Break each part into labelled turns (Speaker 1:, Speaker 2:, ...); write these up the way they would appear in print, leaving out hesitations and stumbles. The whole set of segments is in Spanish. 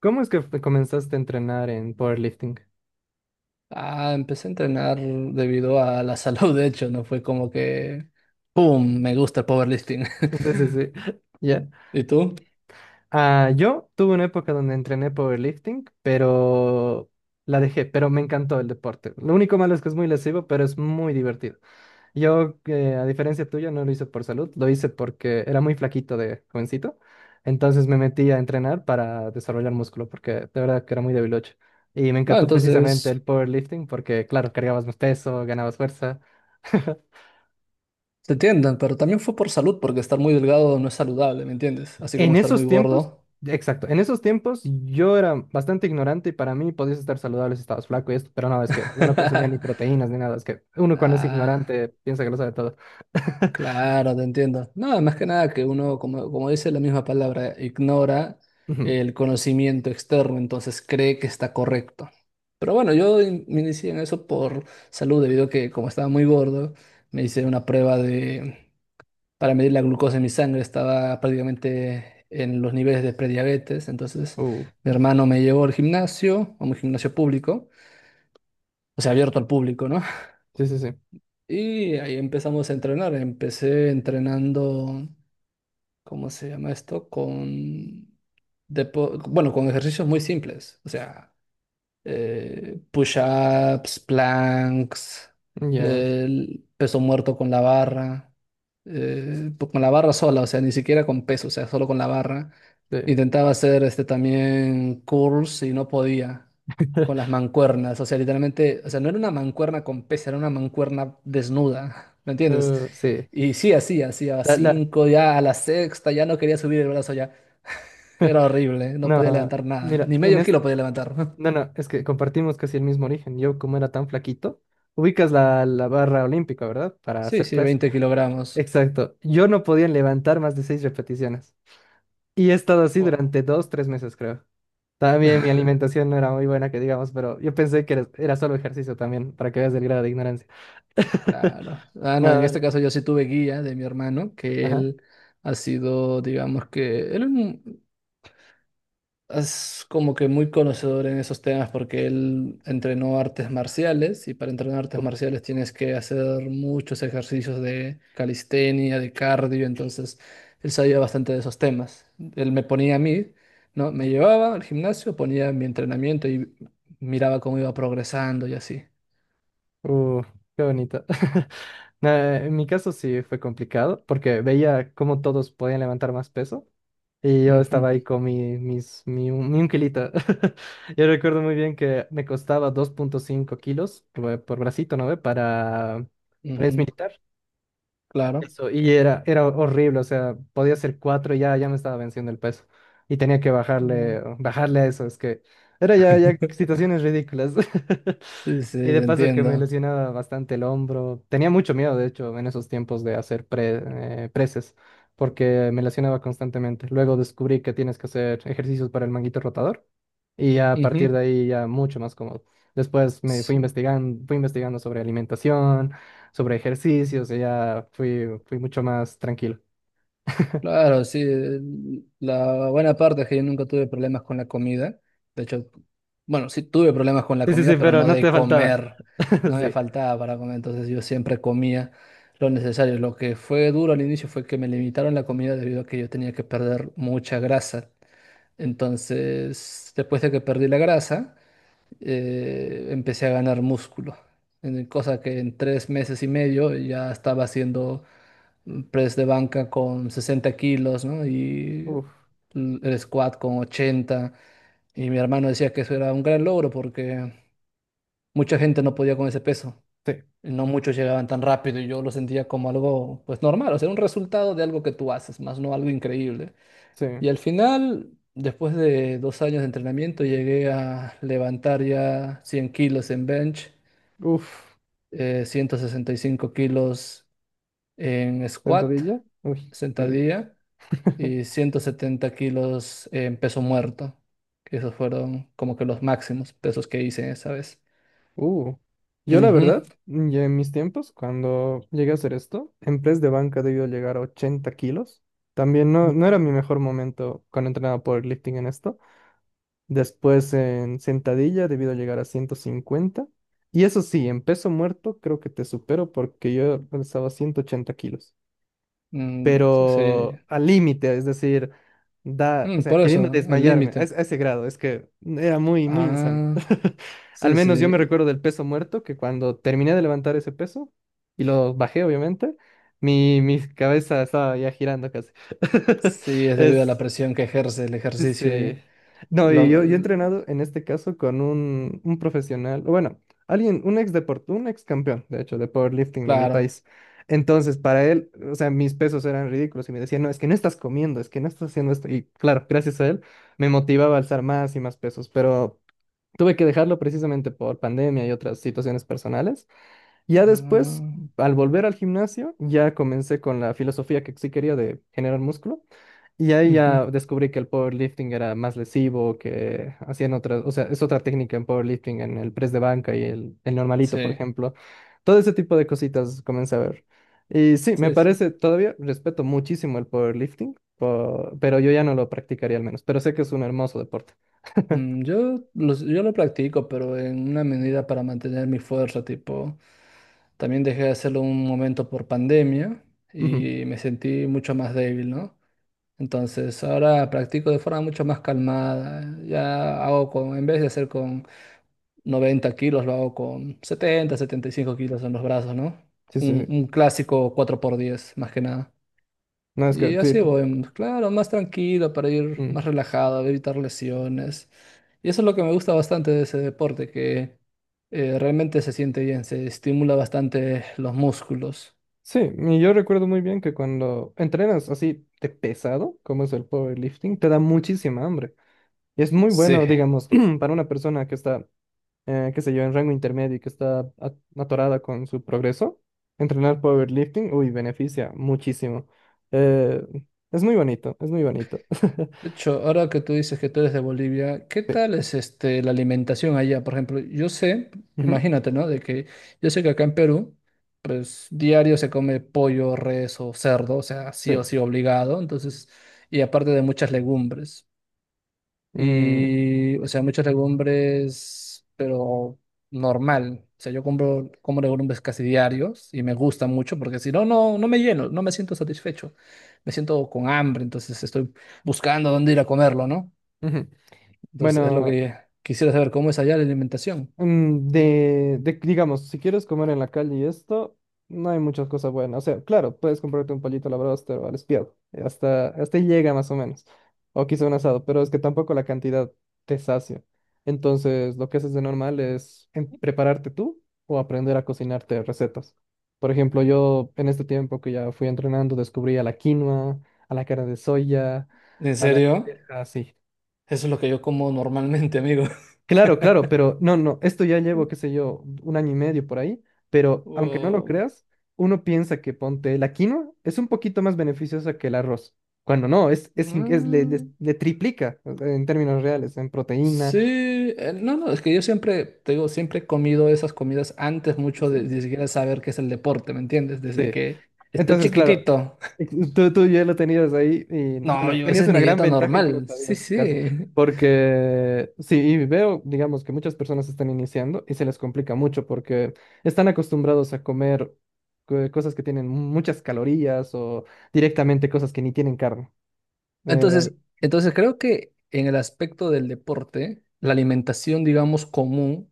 Speaker 1: ¿Cómo es que comenzaste a entrenar en powerlifting?
Speaker 2: Ah, empecé a entrenar debido a la salud, de hecho, no fue como que, ¡pum!, me gusta el powerlifting.
Speaker 1: Sí, sí, sí. Ya.
Speaker 2: ¿Y tú?
Speaker 1: Ah, yo tuve una época donde entrené powerlifting, pero la dejé, pero me encantó el deporte. Lo único malo es que es muy lesivo, pero es muy divertido. Yo, a diferencia tuya, no lo hice por salud, lo hice porque era muy flaquito de jovencito. Entonces me metí a entrenar para desarrollar músculo, porque de verdad que era muy debilucho. Y me
Speaker 2: No,
Speaker 1: encantó precisamente el
Speaker 2: entonces,
Speaker 1: powerlifting porque, claro, cargabas más peso, ganabas fuerza.
Speaker 2: te entienden, pero también fue por salud, porque estar muy delgado no es saludable, ¿me entiendes? Así como
Speaker 1: En
Speaker 2: estar muy
Speaker 1: esos tiempos,
Speaker 2: gordo.
Speaker 1: exacto, en esos tiempos yo era bastante ignorante y para mí podías estar saludable si estabas flaco y esto, pero no, es que yo no consumía ni proteínas ni nada, es que uno cuando es
Speaker 2: Ah,
Speaker 1: ignorante piensa que lo sabe todo.
Speaker 2: claro, te entiendo. No, más que nada que uno, como dice la misma palabra, ignora
Speaker 1: Ujú.
Speaker 2: el conocimiento externo, entonces cree que está correcto. Pero bueno, yo me inicié en eso por salud, debido a que como estaba muy gordo, me hice una prueba de, para medir la glucosa en mi sangre, estaba prácticamente en los niveles de prediabetes, entonces
Speaker 1: Uh,
Speaker 2: mi hermano me llevó al gimnasio, a un gimnasio público, o sea, abierto al público, ¿no?
Speaker 1: sí, sí, sí,
Speaker 2: Y ahí empezamos a entrenar, empecé entrenando. ¿Cómo se llama esto? Bueno, con ejercicios muy simples. O sea, push-ups, planks,
Speaker 1: ya,
Speaker 2: el peso muerto con la barra, con la barra sola, o sea, ni siquiera con peso, o sea, solo con la barra.
Speaker 1: sí.
Speaker 2: Intentaba hacer este también curls y no podía con las mancuernas, o sea, literalmente, o sea, no era una mancuerna con peso, era una mancuerna desnuda, ¿me entiendes?
Speaker 1: Sí,
Speaker 2: Y sí, así, hacía
Speaker 1: la, la,
Speaker 2: cinco, ya a la sexta, ya no quería subir el brazo ya. Era horrible, no podía
Speaker 1: no,
Speaker 2: levantar nada,
Speaker 1: mira,
Speaker 2: ni medio kilo podía levantar.
Speaker 1: no, no, es que compartimos casi el mismo origen, yo como era tan flaquito, ubicas la barra olímpica, ¿verdad? Para
Speaker 2: Sí,
Speaker 1: hacer
Speaker 2: sí,
Speaker 1: press.
Speaker 2: 20 kilogramos.
Speaker 1: Exacto, yo no podía levantar más de seis repeticiones. Y he estado así
Speaker 2: Wow,
Speaker 1: durante dos, tres meses, creo. También mi alimentación no era muy buena, que digamos, pero yo pensé que era solo ejercicio también, para que veas el grado de ignorancia.
Speaker 2: claro. Ah, no, en
Speaker 1: Nada.
Speaker 2: este caso yo sí tuve guía de mi hermano, que
Speaker 1: Ajá.
Speaker 2: él ha sido, digamos que, él es como que muy conocedor en esos temas porque él entrenó artes marciales y para entrenar artes
Speaker 1: Uh,
Speaker 2: marciales tienes que hacer muchos ejercicios de calistenia, de cardio, entonces él sabía bastante de esos temas. Él me ponía a mí, ¿no? Me llevaba al gimnasio, ponía mi entrenamiento y miraba cómo iba progresando y así.
Speaker 1: uh, qué bonito. Nada, en mi caso sí fue complicado, porque veía cómo todos podían levantar más peso. Y yo
Speaker 2: Ujú.
Speaker 1: estaba ahí con mi un kilito. Yo recuerdo muy bien que me costaba 2,5 kilos por bracito, ¿no ve? Para es
Speaker 2: Ujú,
Speaker 1: militar.
Speaker 2: claro.
Speaker 1: Eso, y era horrible, o sea, podía ser cuatro y ya me estaba venciendo el peso. Y tenía que
Speaker 2: Mm.
Speaker 1: bajarle, bajarle a eso, es que era ya situaciones ridículas.
Speaker 2: Sí, sí,
Speaker 1: Y de
Speaker 2: te
Speaker 1: paso que me
Speaker 2: entiendo.
Speaker 1: lesionaba bastante el hombro. Tenía mucho miedo, de hecho, en esos tiempos de hacer preses, porque me lesionaba constantemente. Luego descubrí que tienes que hacer ejercicios para el manguito rotador y ya a partir de
Speaker 2: Ujú.
Speaker 1: ahí ya mucho más cómodo. Después me fui
Speaker 2: Sí,
Speaker 1: investigando, sobre alimentación, sobre ejercicios y ya fui mucho más tranquilo.
Speaker 2: claro, sí. La buena parte es que yo nunca tuve problemas con la comida. De hecho, bueno, sí tuve problemas con la
Speaker 1: Sí, sí, sí,
Speaker 2: comida, pero
Speaker 1: pero
Speaker 2: no
Speaker 1: no
Speaker 2: de
Speaker 1: te faltaba.
Speaker 2: comer. No me
Speaker 1: Sí.
Speaker 2: faltaba para comer, entonces yo siempre comía lo necesario. Lo que fue duro al inicio fue que me limitaron la comida debido a que yo tenía que perder mucha grasa. Entonces, después de que perdí la grasa, empecé a ganar músculo, cosa que en 3 meses y medio ya estaba haciendo press de banca con 60 kilos, ¿no? Y
Speaker 1: Uf,
Speaker 2: el squat con 80. Y mi hermano decía que eso era un gran logro porque mucha gente no podía con ese peso,
Speaker 1: sí,
Speaker 2: y no muchos llegaban tan rápido y yo lo sentía como algo pues normal, o sea, un resultado de algo que tú haces, más no algo increíble.
Speaker 1: sí.
Speaker 2: Y al final, después de 2 años de entrenamiento, llegué a levantar ya 100 kilos en bench
Speaker 1: Uf,
Speaker 2: 165 kilos en squat,
Speaker 1: sentadilla. Uy, qué rico.
Speaker 2: sentadilla, y 170 kilos en peso muerto. Que Esos fueron como que los máximos pesos que hice esa vez.
Speaker 1: Uh, yo la
Speaker 2: Ujú,
Speaker 1: verdad, ya en mis tiempos, cuando llegué a hacer esto, en press de banca debió llegar a 80 kilos. También no, no era mi mejor momento cuando entrenaba powerlifting en esto. Después en sentadilla debido a llegar a 150. Y eso sí, en peso muerto creo que te supero porque yo alzaba 180 kilos
Speaker 2: mm, sí.
Speaker 1: pero al límite, es decir, da, o
Speaker 2: Mm,
Speaker 1: sea,
Speaker 2: por
Speaker 1: queriendo
Speaker 2: eso, al
Speaker 1: desmayarme a,
Speaker 2: límite.
Speaker 1: a ese grado, es que era muy, muy insano.
Speaker 2: Ah,
Speaker 1: Al
Speaker 2: sí,
Speaker 1: menos yo me
Speaker 2: sí.
Speaker 1: recuerdo del peso muerto, que cuando terminé de levantar ese peso, y lo bajé, obviamente, mi cabeza estaba ya girando casi.
Speaker 2: Sí, es debido a la
Speaker 1: Es.
Speaker 2: presión que ejerce el ejercicio
Speaker 1: Sí.
Speaker 2: ahí.
Speaker 1: No,
Speaker 2: Lo-
Speaker 1: y yo he
Speaker 2: l-
Speaker 1: entrenado en este caso con un profesional, o bueno, alguien, un un ex campeón, de hecho, de powerlifting de mi
Speaker 2: claro.
Speaker 1: país. Entonces, para él, o sea, mis pesos eran ridículos y me decía, no, es que no estás comiendo, es que no estás haciendo esto. Y claro, gracias a él, me motivaba a alzar más y más pesos, pero tuve que dejarlo precisamente por pandemia y otras situaciones personales. Ya después,
Speaker 2: Ah,
Speaker 1: al volver al gimnasio, ya comencé con la filosofía que sí quería de generar músculo. Y ahí ya
Speaker 2: ujú,
Speaker 1: descubrí que el powerlifting era más lesivo, que hacían otras, o sea, es otra técnica en powerlifting, en el press de banca y el normalito, por
Speaker 2: sí,
Speaker 1: ejemplo. Todo ese tipo de cositas comencé a ver. Y sí, me
Speaker 2: sí, sí.
Speaker 1: parece, todavía respeto muchísimo el powerlifting, pero yo ya no lo practicaría al menos, pero sé que es un hermoso deporte.
Speaker 2: Mm, yo lo practico, pero en una medida para mantener mi fuerza, tipo, también dejé de hacerlo un momento por pandemia
Speaker 1: Ujú.
Speaker 2: y me sentí mucho más débil, ¿no? Entonces ahora practico de forma mucho más calmada, ya hago con, en vez de hacer con 90 kilos, lo hago con setenta setenta y cinco kilos en los brazos, ¿no?
Speaker 1: Sí, sí,
Speaker 2: Un,
Speaker 1: sí.
Speaker 2: un clásico cuatro por diez más que nada.
Speaker 1: No, es que
Speaker 2: Y
Speaker 1: sí,
Speaker 2: así
Speaker 1: tú-
Speaker 2: voy, claro, más tranquilo para ir
Speaker 1: mm.
Speaker 2: más relajado, evitar lesiones. Y eso es lo que me gusta bastante de ese deporte, que realmente se siente bien, se estimula bastante los músculos.
Speaker 1: Sí, y yo recuerdo muy bien que cuando entrenas así de pesado, como es el powerlifting, te da muchísima hambre. Es muy
Speaker 2: Sí.
Speaker 1: bueno, digamos, para una persona que está, qué sé yo, en rango intermedio y que está atorada con su progreso, entrenar powerlifting, uy, beneficia muchísimo. Eh, es muy bonito, es muy bonito.
Speaker 2: De hecho, ahora que tú dices que tú eres de Bolivia, ¿Qué
Speaker 1: Sí.
Speaker 2: tal es este, la alimentación allá? Por ejemplo, yo sé,
Speaker 1: Ujú,
Speaker 2: imagínate, ¿no? De que yo sé que acá en Perú, pues diario se come pollo, res o cerdo, o sea,
Speaker 1: sí.
Speaker 2: sí o sí obligado, entonces, y aparte de muchas legumbres.
Speaker 1: Mm,
Speaker 2: Y, o sea, muchos legumbres, pero normal. O sea, yo compro, como legumbres casi diarios y me gusta mucho porque si no, no, no me lleno, no me siento satisfecho. Me siento con hambre, entonces estoy buscando dónde ir a comerlo, ¿no?
Speaker 1: ujú.
Speaker 2: Entonces es lo
Speaker 1: Bueno.
Speaker 2: que quisiera saber, ¿cómo es allá la alimentación?
Speaker 1: De, digamos, si quieres comer en la calle y esto, no hay muchas cosas buenas. O sea, claro, puedes comprarte un pollito a la broster o al espiado. Hasta, hasta ahí llega más o menos. O quizá un asado, pero es que tampoco la cantidad te sacia. Entonces, lo que haces de normal es prepararte tú o aprender a cocinarte recetas. Por ejemplo, yo en este tiempo que ya fui entrenando, descubrí a la quinoa, a la carne de soya,
Speaker 2: ¿En
Speaker 1: a la
Speaker 2: serio?
Speaker 1: lenteja, así.
Speaker 2: Eso es lo que yo como normalmente, amigo.
Speaker 1: Claro, claro, pero no, no, esto ya llevo, qué sé yo, un año y medio por ahí, pero aunque no lo
Speaker 2: Wow.
Speaker 1: creas, uno piensa que ponte la quinoa es un poquito más beneficiosa que el arroz, cuando no, es, in- es- le-
Speaker 2: Mm.
Speaker 1: le triplica o sea, en términos reales, en proteína.
Speaker 2: Sí, no, no, es que yo siempre, te digo, siempre he comido esas comidas antes
Speaker 1: Sí,
Speaker 2: mucho de
Speaker 1: sí.
Speaker 2: ni siquiera saber qué es el deporte, ¿me entiendes? Desde
Speaker 1: Sí.
Speaker 2: que estoy
Speaker 1: Entonces, claro,
Speaker 2: chiquitito.
Speaker 1: tú ya lo tenías ahí y
Speaker 2: No,
Speaker 1: bueno,
Speaker 2: yo, esa
Speaker 1: tenías
Speaker 2: es
Speaker 1: una
Speaker 2: mi
Speaker 1: gran
Speaker 2: dieta
Speaker 1: ventaja y no lo
Speaker 2: normal. Sí,
Speaker 1: sabías
Speaker 2: sí.
Speaker 1: casi, porque sí, y veo, digamos, que muchas personas están iniciando y se les complica mucho porque están acostumbrados a comer cosas que tienen muchas calorías o directamente cosas que ni tienen carne. Eh,
Speaker 2: Entonces, entonces, creo que en el aspecto del deporte, la alimentación, digamos, común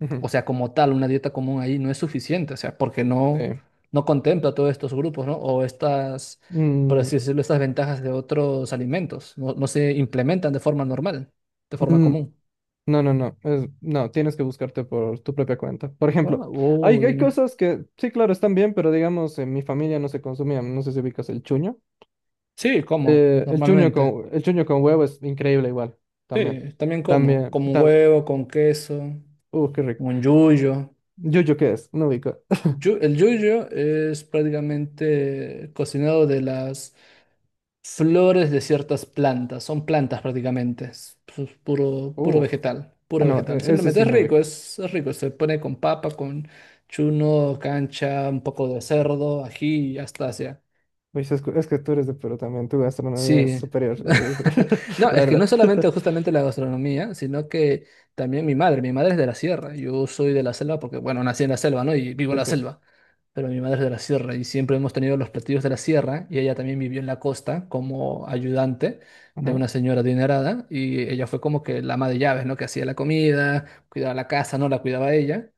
Speaker 1: ujú,
Speaker 2: o sea, como tal, una dieta común ahí no es suficiente, o sea, porque no,
Speaker 1: sí.
Speaker 2: no contempla todos estos grupos, ¿no? O estas, por
Speaker 1: Mm,
Speaker 2: así decirlo, estas ventajas de otros alimentos, no, no se implementan de forma normal, de forma
Speaker 1: mm.
Speaker 2: común.
Speaker 1: No, no, no, no, tienes que buscarte por tu propia cuenta. Por
Speaker 2: Ah,
Speaker 1: ejemplo, hay
Speaker 2: uy.
Speaker 1: cosas que sí, claro, están bien, pero digamos, en mi familia no se consumían, no sé si ubicas el chuño.
Speaker 2: Sí, como, normalmente.
Speaker 1: El chuño con huevo es increíble igual, también.
Speaker 2: Sí, también como,
Speaker 1: También,
Speaker 2: como un
Speaker 1: tam-
Speaker 2: huevo, con queso,
Speaker 1: qué rico.
Speaker 2: un yuyo.
Speaker 1: Yuyo, ¿qué es? No ubico.
Speaker 2: El yuyo es prácticamente cocinado de las flores de ciertas plantas, son plantas prácticamente, es puro, puro
Speaker 1: Uh,
Speaker 2: vegetal,
Speaker 1: ah,
Speaker 2: puro
Speaker 1: no,
Speaker 2: vegetal.
Speaker 1: ese
Speaker 2: Simplemente
Speaker 1: sí
Speaker 2: es
Speaker 1: no
Speaker 2: rico,
Speaker 1: ubico.
Speaker 2: es rico, se pone con papa, con chuno, cancha, un poco de cerdo, ají y hasta así.
Speaker 1: Uy, que es que tú eres de Perú también, tu gastronomía es
Speaker 2: Sí.
Speaker 1: superior, es-
Speaker 2: No,
Speaker 1: la
Speaker 2: es que
Speaker 1: verdad.
Speaker 2: no solamente justamente la gastronomía, sino que también mi madre. Mi madre es de la sierra. Yo soy de la selva porque, bueno, nací en la selva, ¿no? Y vivo en
Speaker 1: Sí,
Speaker 2: la
Speaker 1: sí.
Speaker 2: selva. Pero mi madre es de la sierra y siempre hemos tenido los platillos de la sierra y ella también vivió en la costa como ayudante de
Speaker 1: Ajá.
Speaker 2: una señora adinerada y ella fue como que la ama de llaves, ¿no? Que hacía la comida, cuidaba la casa, ¿no? La cuidaba ella,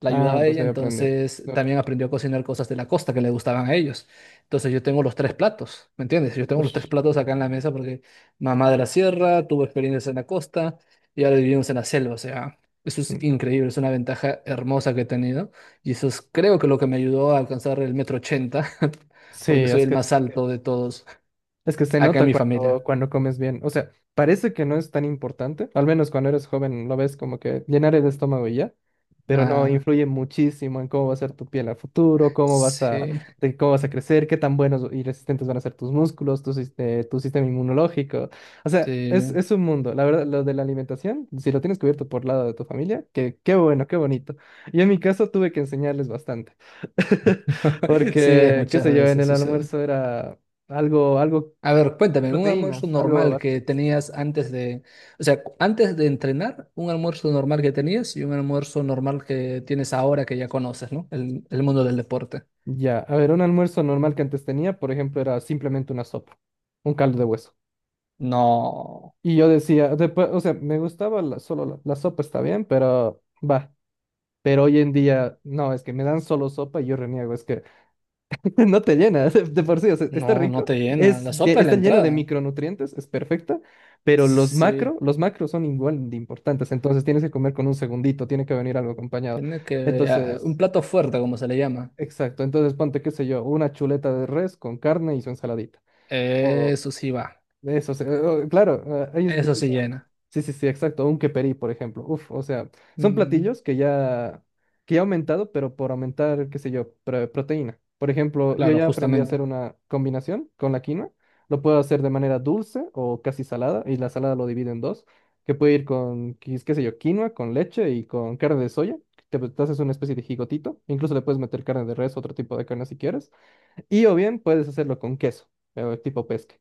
Speaker 2: la
Speaker 1: Ah,
Speaker 2: ayudaba a ella,
Speaker 1: entonces ya aprendí.
Speaker 2: entonces
Speaker 1: No.
Speaker 2: también aprendió a cocinar cosas de la costa que le gustaban a ellos. Entonces yo tengo los tres platos, ¿me entiendes? Yo tengo los tres
Speaker 1: Ush.
Speaker 2: platos acá en la mesa porque mamá de la sierra, tuvo experiencias en la costa y ahora vivimos en la selva, o sea, eso es
Speaker 1: Mm.
Speaker 2: increíble, es una ventaja hermosa que he tenido y eso es creo que lo que me ayudó a alcanzar el metro ochenta
Speaker 1: Sí,
Speaker 2: porque soy
Speaker 1: es
Speaker 2: el
Speaker 1: que
Speaker 2: más
Speaker 1: es.
Speaker 2: alto de todos
Speaker 1: Es que se
Speaker 2: acá en
Speaker 1: nota
Speaker 2: mi
Speaker 1: cuando,
Speaker 2: familia.
Speaker 1: cuando comes bien. O sea, parece que no es tan importante. Al menos cuando eres joven lo ves como que llenar el estómago y ya. Pero no,
Speaker 2: Ah,
Speaker 1: influye muchísimo en cómo va a ser tu piel a futuro, cómo vas a,
Speaker 2: sí,
Speaker 1: de cómo vas a crecer, qué tan buenos y resistentes van a ser tus músculos, tu, tu sistema inmunológico. O sea, es,
Speaker 2: sí,
Speaker 1: es un mundo. La verdad, lo de la alimentación, si lo tienes cubierto por lado de tu familia, que, qué bueno, qué bonito. Yo en mi caso tuve que enseñarles bastante.
Speaker 2: sí, es
Speaker 1: Porque, qué
Speaker 2: muchas
Speaker 1: sé yo, en
Speaker 2: veces
Speaker 1: el
Speaker 2: sucede.
Speaker 1: almuerzo era algo
Speaker 2: A ver,
Speaker 1: sin
Speaker 2: cuéntame, un almuerzo
Speaker 1: proteínas, algo
Speaker 2: normal que
Speaker 1: así.
Speaker 2: tenías antes de, o sea, antes de entrenar, un almuerzo normal que tenías y un almuerzo normal que tienes ahora que ya conoces, ¿no? El mundo del deporte.
Speaker 1: Ya, a ver, un almuerzo normal que antes tenía, por ejemplo, era simplemente una sopa, un caldo de hueso.
Speaker 2: No,
Speaker 1: Y yo decía, después, o sea, me gustaba la, solo la sopa, está bien, pero va. Pero hoy en día, no, es que me dan solo sopa y yo reniego, es que no te llena, de por sí, o sea, está
Speaker 2: no, no
Speaker 1: rico,
Speaker 2: te llena. La sopa es la
Speaker 1: está lleno de
Speaker 2: entrada.
Speaker 1: micronutrientes, es perfecta, pero los macro,
Speaker 2: Sí,
Speaker 1: los macros son igual de importantes, entonces tienes que comer con un segundito, tiene que venir algo acompañado.
Speaker 2: tiene que, ah, un
Speaker 1: Entonces,
Speaker 2: plato fuerte, como se le llama.
Speaker 1: exacto, entonces ponte, qué sé yo, una chuleta de res con carne y su ensaladita. O
Speaker 2: Eso sí va,
Speaker 1: eso, claro, ahí es bien.
Speaker 2: eso sí llena.
Speaker 1: Sí, sí, sí, exacto. Un queperi, por ejemplo. Uf, o sea, son
Speaker 2: Mm,
Speaker 1: platillos que ya, ha aumentado, pero por aumentar, qué sé yo, proteína. Por ejemplo, yo
Speaker 2: claro,
Speaker 1: ya aprendí a
Speaker 2: justamente.
Speaker 1: hacer una combinación con la quinoa. Lo puedo hacer de manera dulce o casi salada, y la salada lo divido en dos, que puede ir con, qué sé yo, quinoa, con leche y con carne de soya. Te haces una especie de gigotito. Incluso le puedes meter carne de res, otro tipo de carne si quieres. Y o bien puedes hacerlo con queso, tipo pesca.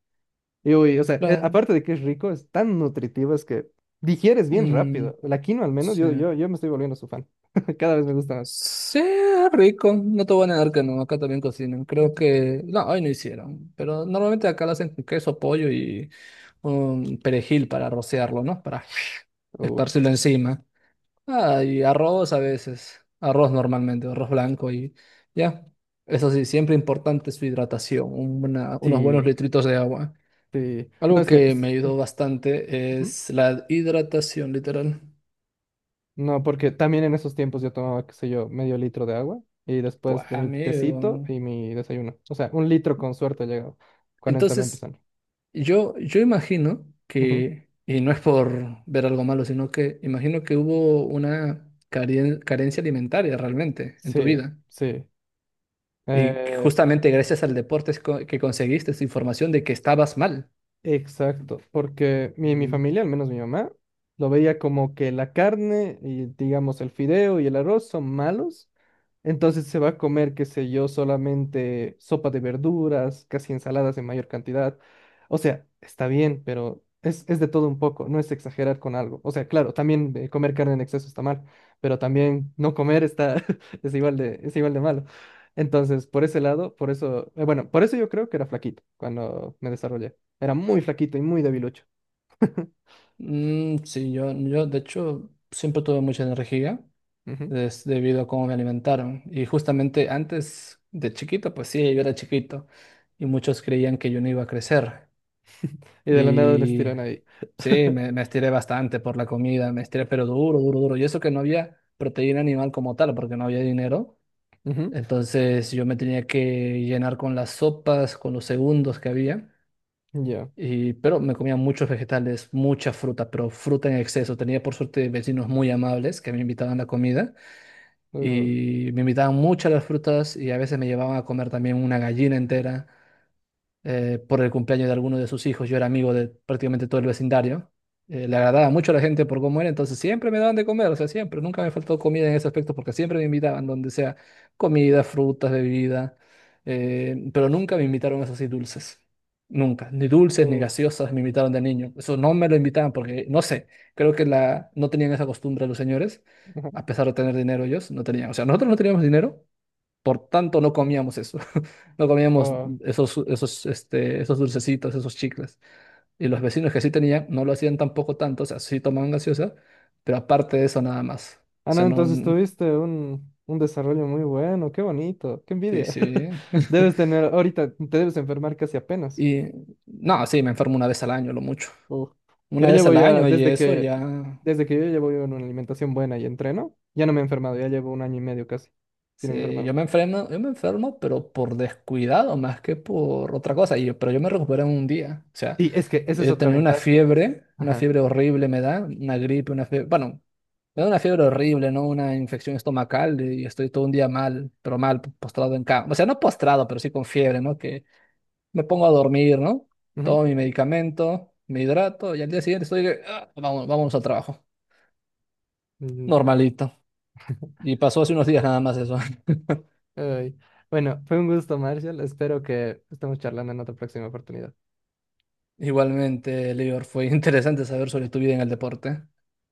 Speaker 1: Y uy, o sea,
Speaker 2: Claro.
Speaker 1: aparte de que es rico, es tan nutritivo, es que digieres bien
Speaker 2: Mm,
Speaker 1: rápido. La quinoa al menos,
Speaker 2: sí.
Speaker 1: yo me estoy volviendo su fan. Cada vez me gusta más.
Speaker 2: Sí, es rico, no te voy a negar que no, acá también cocinan. Creo que, no, hoy no hicieron, pero normalmente acá lo hacen con queso, pollo y un perejil para rociarlo, ¿no? Para
Speaker 1: Uh,
Speaker 2: esparcirlo encima. Ah, y arroz a veces, arroz normalmente, arroz blanco y ya. Eso sí, siempre importante su hidratación, unos buenos
Speaker 1: sí,
Speaker 2: litritos de agua.
Speaker 1: sí. No,
Speaker 2: Algo
Speaker 1: es que...
Speaker 2: que me ayudó bastante
Speaker 1: ujú.
Speaker 2: es la hidratación, literal.
Speaker 1: No, porque también en esos tiempos yo tomaba, qué sé yo, medio litro de agua y después
Speaker 2: Buah,
Speaker 1: de mi tecito
Speaker 2: amigo.
Speaker 1: y mi desayuno. O sea, un litro con suerte llegaba cuando estaba
Speaker 2: Entonces.
Speaker 1: empezando.
Speaker 2: Yo imagino
Speaker 1: Ujú.
Speaker 2: que, y no es por ver algo malo, sino que imagino que hubo una carencia alimentaria realmente en tu
Speaker 1: Sí,
Speaker 2: vida.
Speaker 1: sí.
Speaker 2: Y
Speaker 1: Eh,
Speaker 2: justamente gracias al deporte que conseguiste esa información de que estabas mal.
Speaker 1: exacto, porque mi
Speaker 2: Mm.
Speaker 1: familia, al menos mi mamá, lo veía como que la carne y digamos el fideo y el arroz son malos entonces se va a comer, qué sé yo, solamente sopa de verduras, casi ensaladas en mayor cantidad. O sea, está bien, pero es de todo un poco, no es exagerar con algo. O sea, claro, también comer carne en exceso está mal, pero también no comer está, es igual de malo. Entonces, por ese lado, por eso, bueno, por eso yo creo que era flaquito cuando me desarrollé. Era muy flaquito y muy debilucho.
Speaker 2: Mm, sí, yo de hecho siempre tuve mucha energía
Speaker 1: Ujú.
Speaker 2: es debido a cómo me alimentaron. Y justamente antes de chiquito, pues sí, yo era chiquito y muchos creían que yo no iba a crecer.
Speaker 1: Y de la nada les
Speaker 2: Y
Speaker 1: tiran ahí.
Speaker 2: sí, me estiré bastante por la comida, me estiré, pero duro, duro, duro. Y eso que no había proteína animal como tal, porque no había dinero.
Speaker 1: Ujú,
Speaker 2: Entonces yo me tenía que llenar con las sopas, con los segundos que había.
Speaker 1: ya.
Speaker 2: Pero me comía muchos vegetales, mucha fruta, pero fruta en exceso. Tenía por suerte vecinos muy amables que me invitaban a la comida
Speaker 1: Uh,
Speaker 2: y me invitaban muchas las frutas y a veces me llevaban a comer también una gallina entera por el cumpleaños de alguno de sus hijos. Yo era amigo de prácticamente todo el vecindario. Le agradaba mucho a la gente por cómo era, entonces siempre me daban de comer, o sea, siempre, nunca me faltó comida en ese aspecto porque siempre me invitaban, donde sea comida, frutas, bebida, pero nunca me invitaron eso así dulces. Nunca, ni dulces ni
Speaker 1: uh,
Speaker 2: gaseosas me invitaron de niño. Eso no me lo invitaban porque, no sé, creo que no tenían esa costumbre los señores,
Speaker 1: ajá,
Speaker 2: a pesar de tener dinero ellos, no tenían. O sea, nosotros no teníamos dinero, por tanto, no comíamos eso. No comíamos
Speaker 1: ah.
Speaker 2: esos dulcecitos, esos chicles. Y los vecinos que sí tenían, no lo hacían tampoco tanto. O sea, sí tomaban gaseosa, pero aparte de eso, nada más.
Speaker 1: Ah,
Speaker 2: O
Speaker 1: no,
Speaker 2: sea, no.
Speaker 1: entonces tuviste un desarrollo muy bueno, qué bonito, qué
Speaker 2: Sí,
Speaker 1: envidia.
Speaker 2: sí.
Speaker 1: Debes tener, ahorita te debes enfermar casi apenas.
Speaker 2: Y no, sí, me enfermo una vez al año, lo mucho.
Speaker 1: Uf. Yo
Speaker 2: Una vez
Speaker 1: llevo
Speaker 2: al
Speaker 1: ya,
Speaker 2: año y eso ya.
Speaker 1: desde que yo llevo yo una alimentación buena y entreno, ya no me he enfermado, ya llevo un año y medio casi sin
Speaker 2: Sí,
Speaker 1: enfermarme.
Speaker 2: yo me enfermo, pero por descuidado más que por otra cosa. Pero yo me recuperé en un día. O sea,
Speaker 1: Sí, es que esa es
Speaker 2: yo
Speaker 1: otra
Speaker 2: tenía
Speaker 1: ventaja.
Speaker 2: una
Speaker 1: Ajá.
Speaker 2: fiebre horrible me da, una gripe, una fiebre, bueno, me da una fiebre horrible, ¿no? Una infección estomacal y estoy todo un día mal, pero mal, postrado en cama. O sea, no postrado, pero sí con fiebre, ¿no? Que me pongo a dormir, ¿no?
Speaker 1: Ujú.
Speaker 2: Tomo mi medicamento, me hidrato y al día siguiente estoy, que, "Ah, vamos, vamos al trabajo.
Speaker 1: Mm,
Speaker 2: Normalito." Y pasó hace unos días nada más eso.
Speaker 1: ay. Bueno, fue un gusto, Marshall. Espero que estemos charlando en otra próxima oportunidad.
Speaker 2: Igualmente, Lior, fue interesante saber sobre tu vida en el deporte.